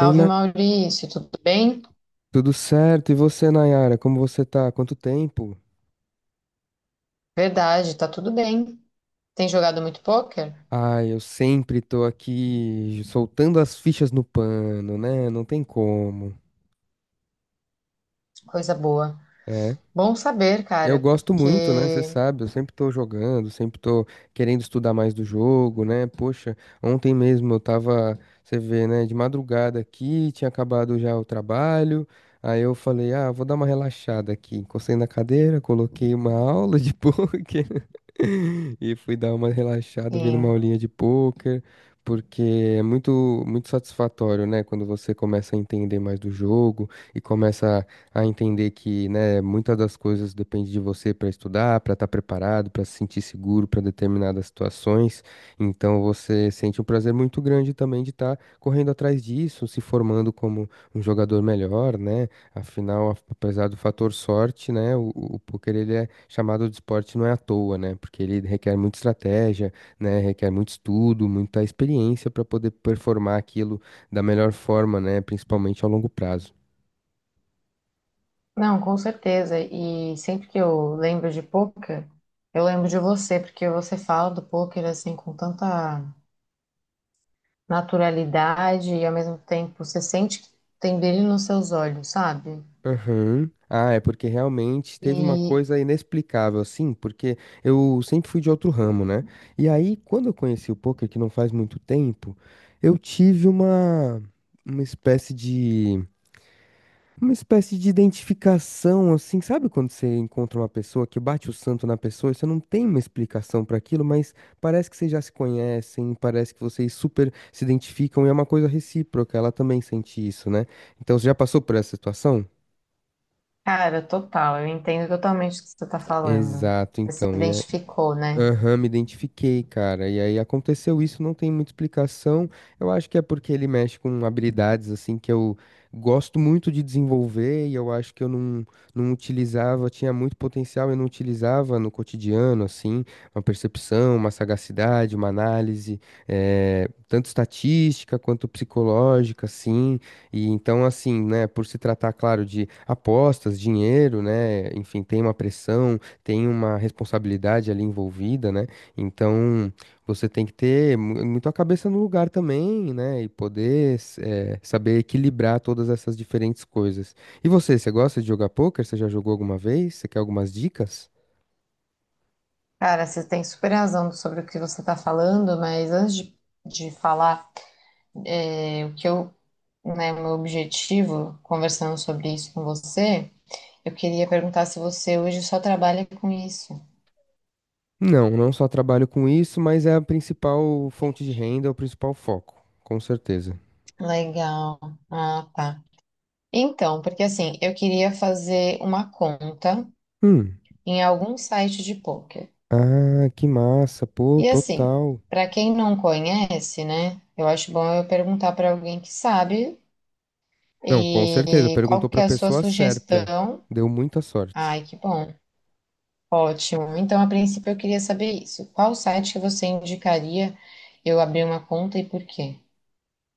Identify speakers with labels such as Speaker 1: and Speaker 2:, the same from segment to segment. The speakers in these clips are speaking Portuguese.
Speaker 1: Oi, né?
Speaker 2: Maurício, tudo bem?
Speaker 1: Tudo certo? E você, Nayara? Como você tá? Quanto tempo?
Speaker 2: Verdade, tá tudo bem. Tem jogado muito pôquer?
Speaker 1: Ah, eu sempre tô aqui soltando as fichas no pano, né? Não tem como.
Speaker 2: Coisa boa.
Speaker 1: É.
Speaker 2: Bom saber,
Speaker 1: Eu
Speaker 2: cara,
Speaker 1: gosto muito, né? Você
Speaker 2: porque
Speaker 1: sabe, eu sempre tô jogando, sempre tô querendo estudar mais do jogo, né? Poxa, ontem mesmo eu tava, você vê, né, de madrugada aqui, tinha acabado já o trabalho. Aí eu falei, ah, vou dar uma relaxada aqui. Encostei na cadeira, coloquei uma aula de poker e fui dar uma relaxada vendo uma
Speaker 2: sim,
Speaker 1: aulinha de poker, porque é muito, muito satisfatório, né? Quando você começa a entender mais do jogo e começa a entender que, né, muitas das coisas depende de você para estudar, para estar preparado, para se sentir seguro para determinadas situações. Então você sente um prazer muito grande também de estar correndo atrás disso, se formando como um jogador melhor, né? Afinal, apesar do fator sorte, né, o poker ele é chamado de esporte não é à toa, né? Porque ele requer muita estratégia, né? Requer muito estudo, muita experiência para poder performar aquilo da melhor forma, né? Principalmente a longo prazo.
Speaker 2: não, com certeza. E sempre que eu lembro de pôquer, eu lembro de você, porque você fala do pôquer assim com tanta naturalidade e ao mesmo tempo você sente que tem brilho nos seus olhos, sabe?
Speaker 1: Aham. Ah, é porque realmente teve uma
Speaker 2: E,
Speaker 1: coisa inexplicável, assim, porque eu sempre fui de outro ramo, né? E aí, quando eu conheci o poker, que não faz muito tempo, eu tive uma espécie de, uma espécie de identificação, assim, sabe quando você encontra uma pessoa que bate o santo na pessoa e você não tem uma explicação para aquilo, mas parece que vocês já se conhecem, parece que vocês super se identificam e é uma coisa recíproca, ela também sente isso, né? Então, você já passou por essa situação?
Speaker 2: cara, total, eu entendo totalmente o que você tá falando.
Speaker 1: Exato,
Speaker 2: Você se
Speaker 1: então. E aí,
Speaker 2: identificou, né?
Speaker 1: aham, me identifiquei, cara. E aí aconteceu isso, não tem muita explicação. Eu acho que é porque ele mexe com habilidades assim que eu gosto muito de desenvolver e eu acho que eu não utilizava, tinha muito potencial e não utilizava no cotidiano, assim, uma percepção, uma sagacidade, uma análise, tanto estatística quanto psicológica, assim. E então, assim, né, por se tratar, claro, de apostas, dinheiro, né, enfim, tem uma pressão, tem uma responsabilidade ali envolvida, né? Então você tem que ter muito a cabeça no lugar também, né? E poder saber equilibrar todas essas diferentes coisas. E você, você gosta de jogar poker? Você já jogou alguma vez? Você quer algumas dicas?
Speaker 2: Cara, você tem super razão sobre o que você está falando, mas antes de falar é, o que eu, né, meu objetivo conversando sobre isso com você, eu queria perguntar se você hoje só trabalha com isso.
Speaker 1: Não, não só trabalho com isso, mas é a principal fonte de renda, é o principal foco, com certeza.
Speaker 2: Legal. Ah, tá. Então, porque assim, eu queria fazer uma conta
Speaker 1: Hum.
Speaker 2: em algum site de poker.
Speaker 1: Ah, que massa, pô,
Speaker 2: E assim,
Speaker 1: total.
Speaker 2: para quem não conhece, né, eu acho bom eu perguntar para alguém que sabe
Speaker 1: Não, com certeza,
Speaker 2: e qual
Speaker 1: perguntou
Speaker 2: que
Speaker 1: pra
Speaker 2: é a sua
Speaker 1: pessoa certa.
Speaker 2: sugestão.
Speaker 1: Deu muita sorte.
Speaker 2: Ai, que bom. Ótimo. Então, a princípio, eu queria saber isso. Qual site que você indicaria eu abrir uma conta e por quê?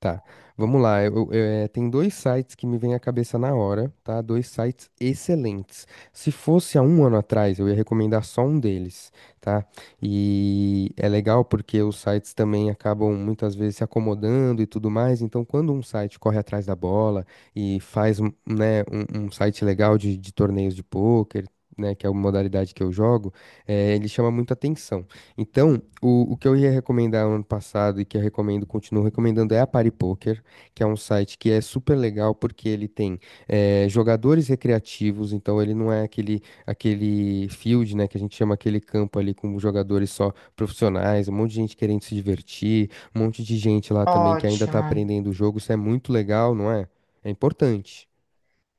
Speaker 1: Tá, vamos lá. Tem dois sites que me vêm à cabeça na hora, tá? Dois sites excelentes. Se fosse há um ano atrás, eu ia recomendar só um deles, tá? E é legal porque os sites também acabam muitas vezes se acomodando e tudo mais. Então, quando um site corre atrás da bola e faz, um site legal de torneios de pôquer, né, que é uma modalidade que eu jogo, ele chama muita atenção. Então, o que eu ia recomendar ano passado e que eu recomendo, continuo recomendando, é a Party Poker, que é um site que é super legal porque ele tem jogadores recreativos, então ele não é aquele field, né, que a gente chama aquele campo ali com jogadores só profissionais, um monte de gente querendo se divertir, um monte de gente lá também que ainda tá
Speaker 2: Ótimo.
Speaker 1: aprendendo o jogo, isso é muito legal, não é? É importante.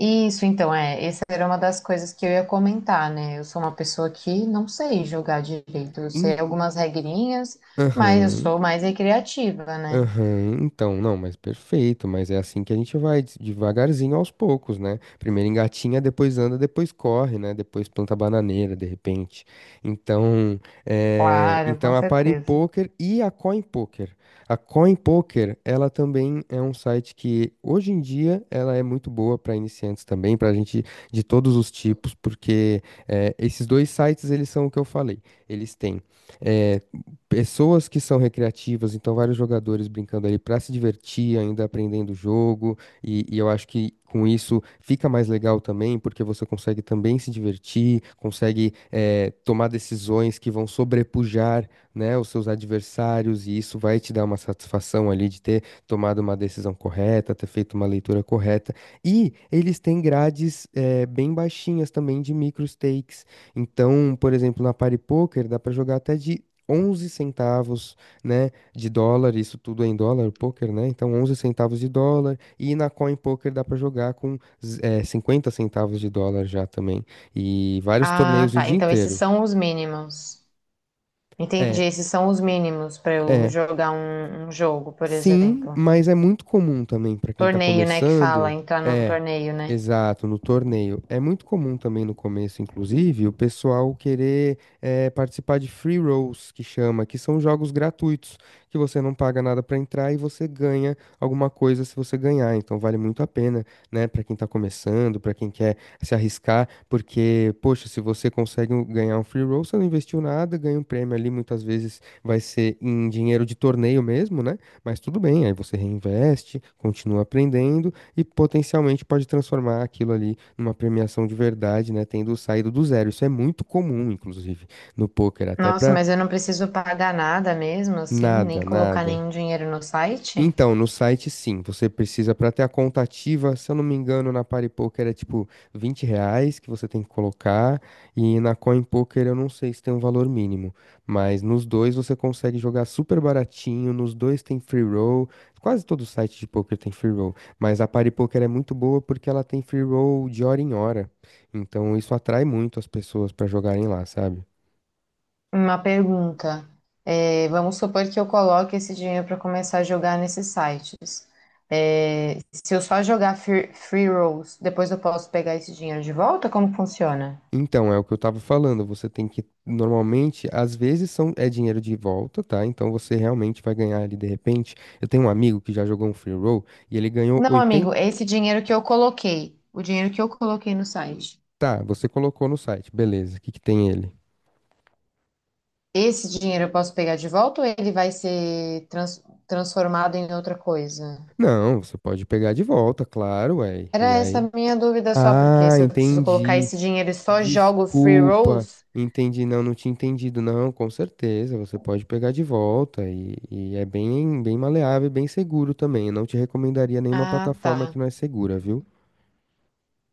Speaker 2: Isso, então, é. Essa era uma das coisas que eu ia comentar, né? Eu sou uma pessoa que não sei jogar direito. Eu sei algumas regrinhas, mas eu
Speaker 1: Aham.
Speaker 2: sou mais recreativa, né?
Speaker 1: Aham, então, não, mas perfeito, mas é assim que a gente vai, devagarzinho aos poucos, né? Primeiro engatinha, depois anda, depois corre, né? Depois planta bananeira, de repente. Então, é,
Speaker 2: Claro,
Speaker 1: então
Speaker 2: com
Speaker 1: a Party
Speaker 2: certeza.
Speaker 1: Poker e a Coin Poker. A Coin Poker, ela também é um site que hoje em dia ela é muito boa para iniciantes também, para gente de todos os tipos, porque é, esses dois sites eles são o que eu falei. Eles têm eh, pessoas que são recreativas, então vários jogadores brincando ali para se divertir, ainda aprendendo o jogo, e eu acho que com isso fica mais legal também, porque você consegue também se divertir, consegue tomar decisões que vão sobrepujar, né, os seus adversários, e isso vai te dar uma satisfação ali de ter tomado uma decisão correta, ter feito uma leitura correta, e eles têm grades bem baixinhas também de micro stakes, então, por exemplo, na Party Poker dá para jogar até de 11 centavos, né, de dólar, isso tudo é em dólar, o poker, né? Então 11 centavos de dólar e na Coin Poker dá pra jogar com 50 centavos de dólar já também. E vários
Speaker 2: Ah,
Speaker 1: torneios o
Speaker 2: tá.
Speaker 1: dia
Speaker 2: Então, esses
Speaker 1: inteiro.
Speaker 2: são os mínimos. Entendi.
Speaker 1: É,
Speaker 2: Esses são os mínimos para eu
Speaker 1: é.
Speaker 2: jogar um jogo, por
Speaker 1: Sim,
Speaker 2: exemplo.
Speaker 1: mas é muito comum também para quem tá
Speaker 2: Torneio, né, que fala,
Speaker 1: começando.
Speaker 2: entrar num
Speaker 1: É,
Speaker 2: torneio, né?
Speaker 1: exato, no torneio. É muito comum também no começo, inclusive, o pessoal querer participar de free rolls, que chama, que são jogos gratuitos, que você não paga nada para entrar e você ganha alguma coisa se você ganhar. Então vale muito a pena, né, para quem tá começando, para quem quer se arriscar, porque, poxa, se você consegue ganhar um free roll, você não investiu nada, ganha um prêmio ali, muitas vezes vai ser em dinheiro de torneio mesmo, né? Mas tudo bem, aí você reinveste, continua aprendendo e potencialmente pode transformar aquilo ali numa premiação de verdade, né? Tendo saído do zero. Isso é muito comum, inclusive, no poker, até
Speaker 2: Nossa,
Speaker 1: para
Speaker 2: mas eu não preciso pagar nada mesmo, assim, nem
Speaker 1: nada,
Speaker 2: colocar
Speaker 1: nada.
Speaker 2: nenhum dinheiro no site?
Speaker 1: Então, no site sim, você precisa para ter a conta ativa, se eu não me engano, na PariPoker é tipo 20 reais que você tem que colocar, e na CoinPoker eu não sei se tem um valor mínimo, mas nos dois você consegue jogar super baratinho, nos dois tem free roll, quase todo site de poker tem free roll, mas a PariPoker é muito boa porque ela tem free roll de hora em hora, então isso atrai muito as pessoas para jogarem lá, sabe?
Speaker 2: Uma pergunta. É, vamos supor que eu coloque esse dinheiro para começar a jogar nesses sites. É, se eu só jogar free rolls, depois eu posso pegar esse dinheiro de volta? Como funciona?
Speaker 1: Então, é o que eu tava falando. Você tem que, normalmente, às vezes são, é dinheiro de volta, tá? Então você realmente vai ganhar ali de repente. Eu tenho um amigo que já jogou um free roll e ele ganhou
Speaker 2: Não,
Speaker 1: 80.
Speaker 2: amigo, é esse dinheiro que eu coloquei, o dinheiro que eu coloquei no site.
Speaker 1: Tá, você colocou no site, beleza. O que que tem ele?
Speaker 2: Esse dinheiro eu posso pegar de volta ou ele vai ser transformado em outra coisa?
Speaker 1: Não, você pode pegar de volta, claro, ué. E
Speaker 2: Era essa
Speaker 1: aí?
Speaker 2: a minha dúvida só, porque
Speaker 1: Ah,
Speaker 2: se eu preciso colocar
Speaker 1: entendi.
Speaker 2: esse dinheiro e só jogo free
Speaker 1: Desculpa,
Speaker 2: rolls.
Speaker 1: entendi. Não, não tinha entendido. Não, com certeza, você pode pegar de volta, e é bem, bem maleável e bem seguro também. Eu não te recomendaria nenhuma
Speaker 2: Ah,
Speaker 1: plataforma que
Speaker 2: tá.
Speaker 1: não é segura, viu?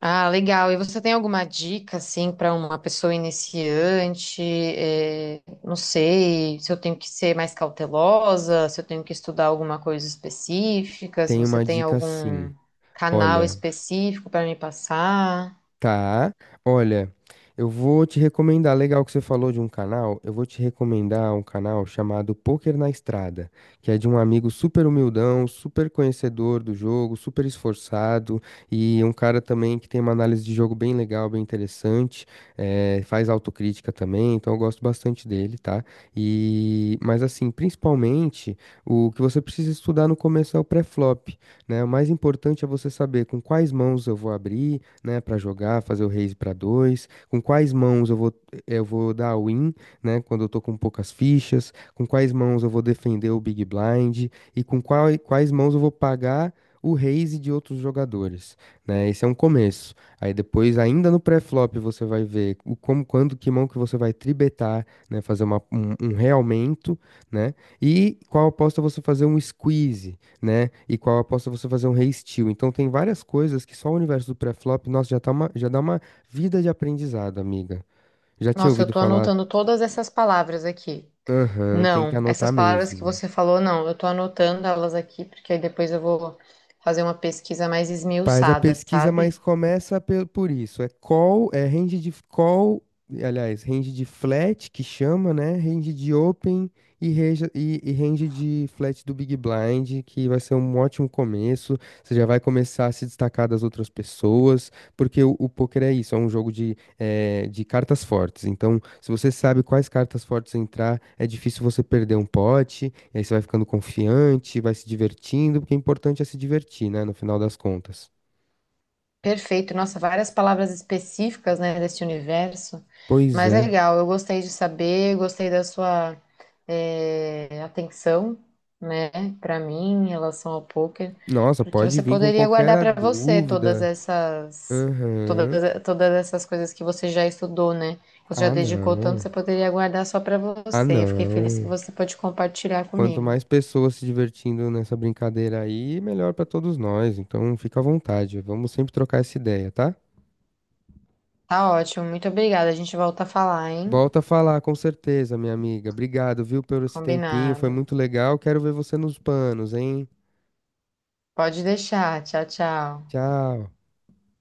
Speaker 2: Ah, legal. E você tem alguma dica, assim, para uma pessoa iniciante? Não sei, se eu tenho que ser mais cautelosa, se eu tenho que estudar alguma coisa específica, se
Speaker 1: Tem
Speaker 2: você
Speaker 1: uma
Speaker 2: tem
Speaker 1: dica sim.
Speaker 2: algum canal
Speaker 1: Olha.
Speaker 2: específico para me passar.
Speaker 1: Tá, olha, eu vou te recomendar, legal que você falou de um canal, eu vou te recomendar um canal chamado Poker na Estrada, que é de um amigo super humildão, super conhecedor do jogo, super esforçado e um cara também que tem uma análise de jogo bem legal, bem interessante, faz autocrítica também, então eu gosto bastante dele, tá? E, mas assim, principalmente, o que você precisa estudar no começo é o pré-flop, né? O mais importante é você saber com quais mãos eu vou abrir, né, para jogar, fazer o raise para dois, com quais mãos eu vou dar a win, né, quando eu tô com poucas fichas, com quais mãos eu vou defender o big blind e com quais mãos eu vou pagar o raise de outros jogadores, né? Esse é um começo. Aí depois, ainda no pré-flop, você vai ver o como, quando, que mão que você vai tribetar, né? Fazer um realmento, né? E qual aposta você fazer um squeeze, né? E qual aposta você fazer um re-steal. Então tem várias coisas que só o universo do pré-flop, nossa, já dá uma vida de aprendizado, amiga. Já tinha
Speaker 2: Nossa, eu
Speaker 1: ouvido
Speaker 2: tô
Speaker 1: falar,
Speaker 2: anotando todas essas palavras aqui.
Speaker 1: aham, tem que
Speaker 2: Não,
Speaker 1: anotar
Speaker 2: essas palavras que
Speaker 1: mesmo.
Speaker 2: você falou, não. Eu tô anotando elas aqui, porque aí depois eu vou fazer uma pesquisa mais
Speaker 1: Faz a
Speaker 2: esmiuçada,
Speaker 1: pesquisa, mas
Speaker 2: sabe?
Speaker 1: começa por isso. É call, é range de call, aliás, range de flat, que chama, né? Range de open e, e range de flat do Big Blind, que vai ser um ótimo começo. Você já vai começar a se destacar das outras pessoas, porque o poker é isso, é um jogo de, de cartas fortes. Então, se você sabe quais cartas fortes entrar, é difícil você perder um pote, e aí você vai ficando confiante, vai se divertindo, porque o importante é se divertir, né? No final das contas.
Speaker 2: Perfeito, nossa, várias palavras específicas, né, desse universo,
Speaker 1: Pois
Speaker 2: mas é
Speaker 1: é.
Speaker 2: legal, eu gostei de saber, gostei da sua atenção, né, para mim em relação ao poker,
Speaker 1: Nossa,
Speaker 2: porque
Speaker 1: pode
Speaker 2: você
Speaker 1: vir com
Speaker 2: poderia
Speaker 1: qualquer
Speaker 2: guardar
Speaker 1: a
Speaker 2: para você todas
Speaker 1: dúvida.
Speaker 2: essas todas,
Speaker 1: Aham.
Speaker 2: todas essas coisas que você já estudou, né, que você já
Speaker 1: Ah,
Speaker 2: dedicou tanto,
Speaker 1: não.
Speaker 2: você poderia guardar só para
Speaker 1: Ah,
Speaker 2: você. Eu fiquei feliz que
Speaker 1: não.
Speaker 2: você pode compartilhar
Speaker 1: Quanto
Speaker 2: comigo.
Speaker 1: mais pessoas se divertindo nessa brincadeira aí, melhor pra todos nós. Então, fica à vontade. Vamos sempre trocar essa ideia, tá?
Speaker 2: Tá ótimo, muito obrigada. A gente volta a falar, hein?
Speaker 1: Volta a falar, com certeza, minha amiga. Obrigado, viu, por esse tempinho. Foi
Speaker 2: Combinado.
Speaker 1: muito legal. Quero ver você nos panos, hein?
Speaker 2: Pode deixar. Tchau, tchau.
Speaker 1: Tchau.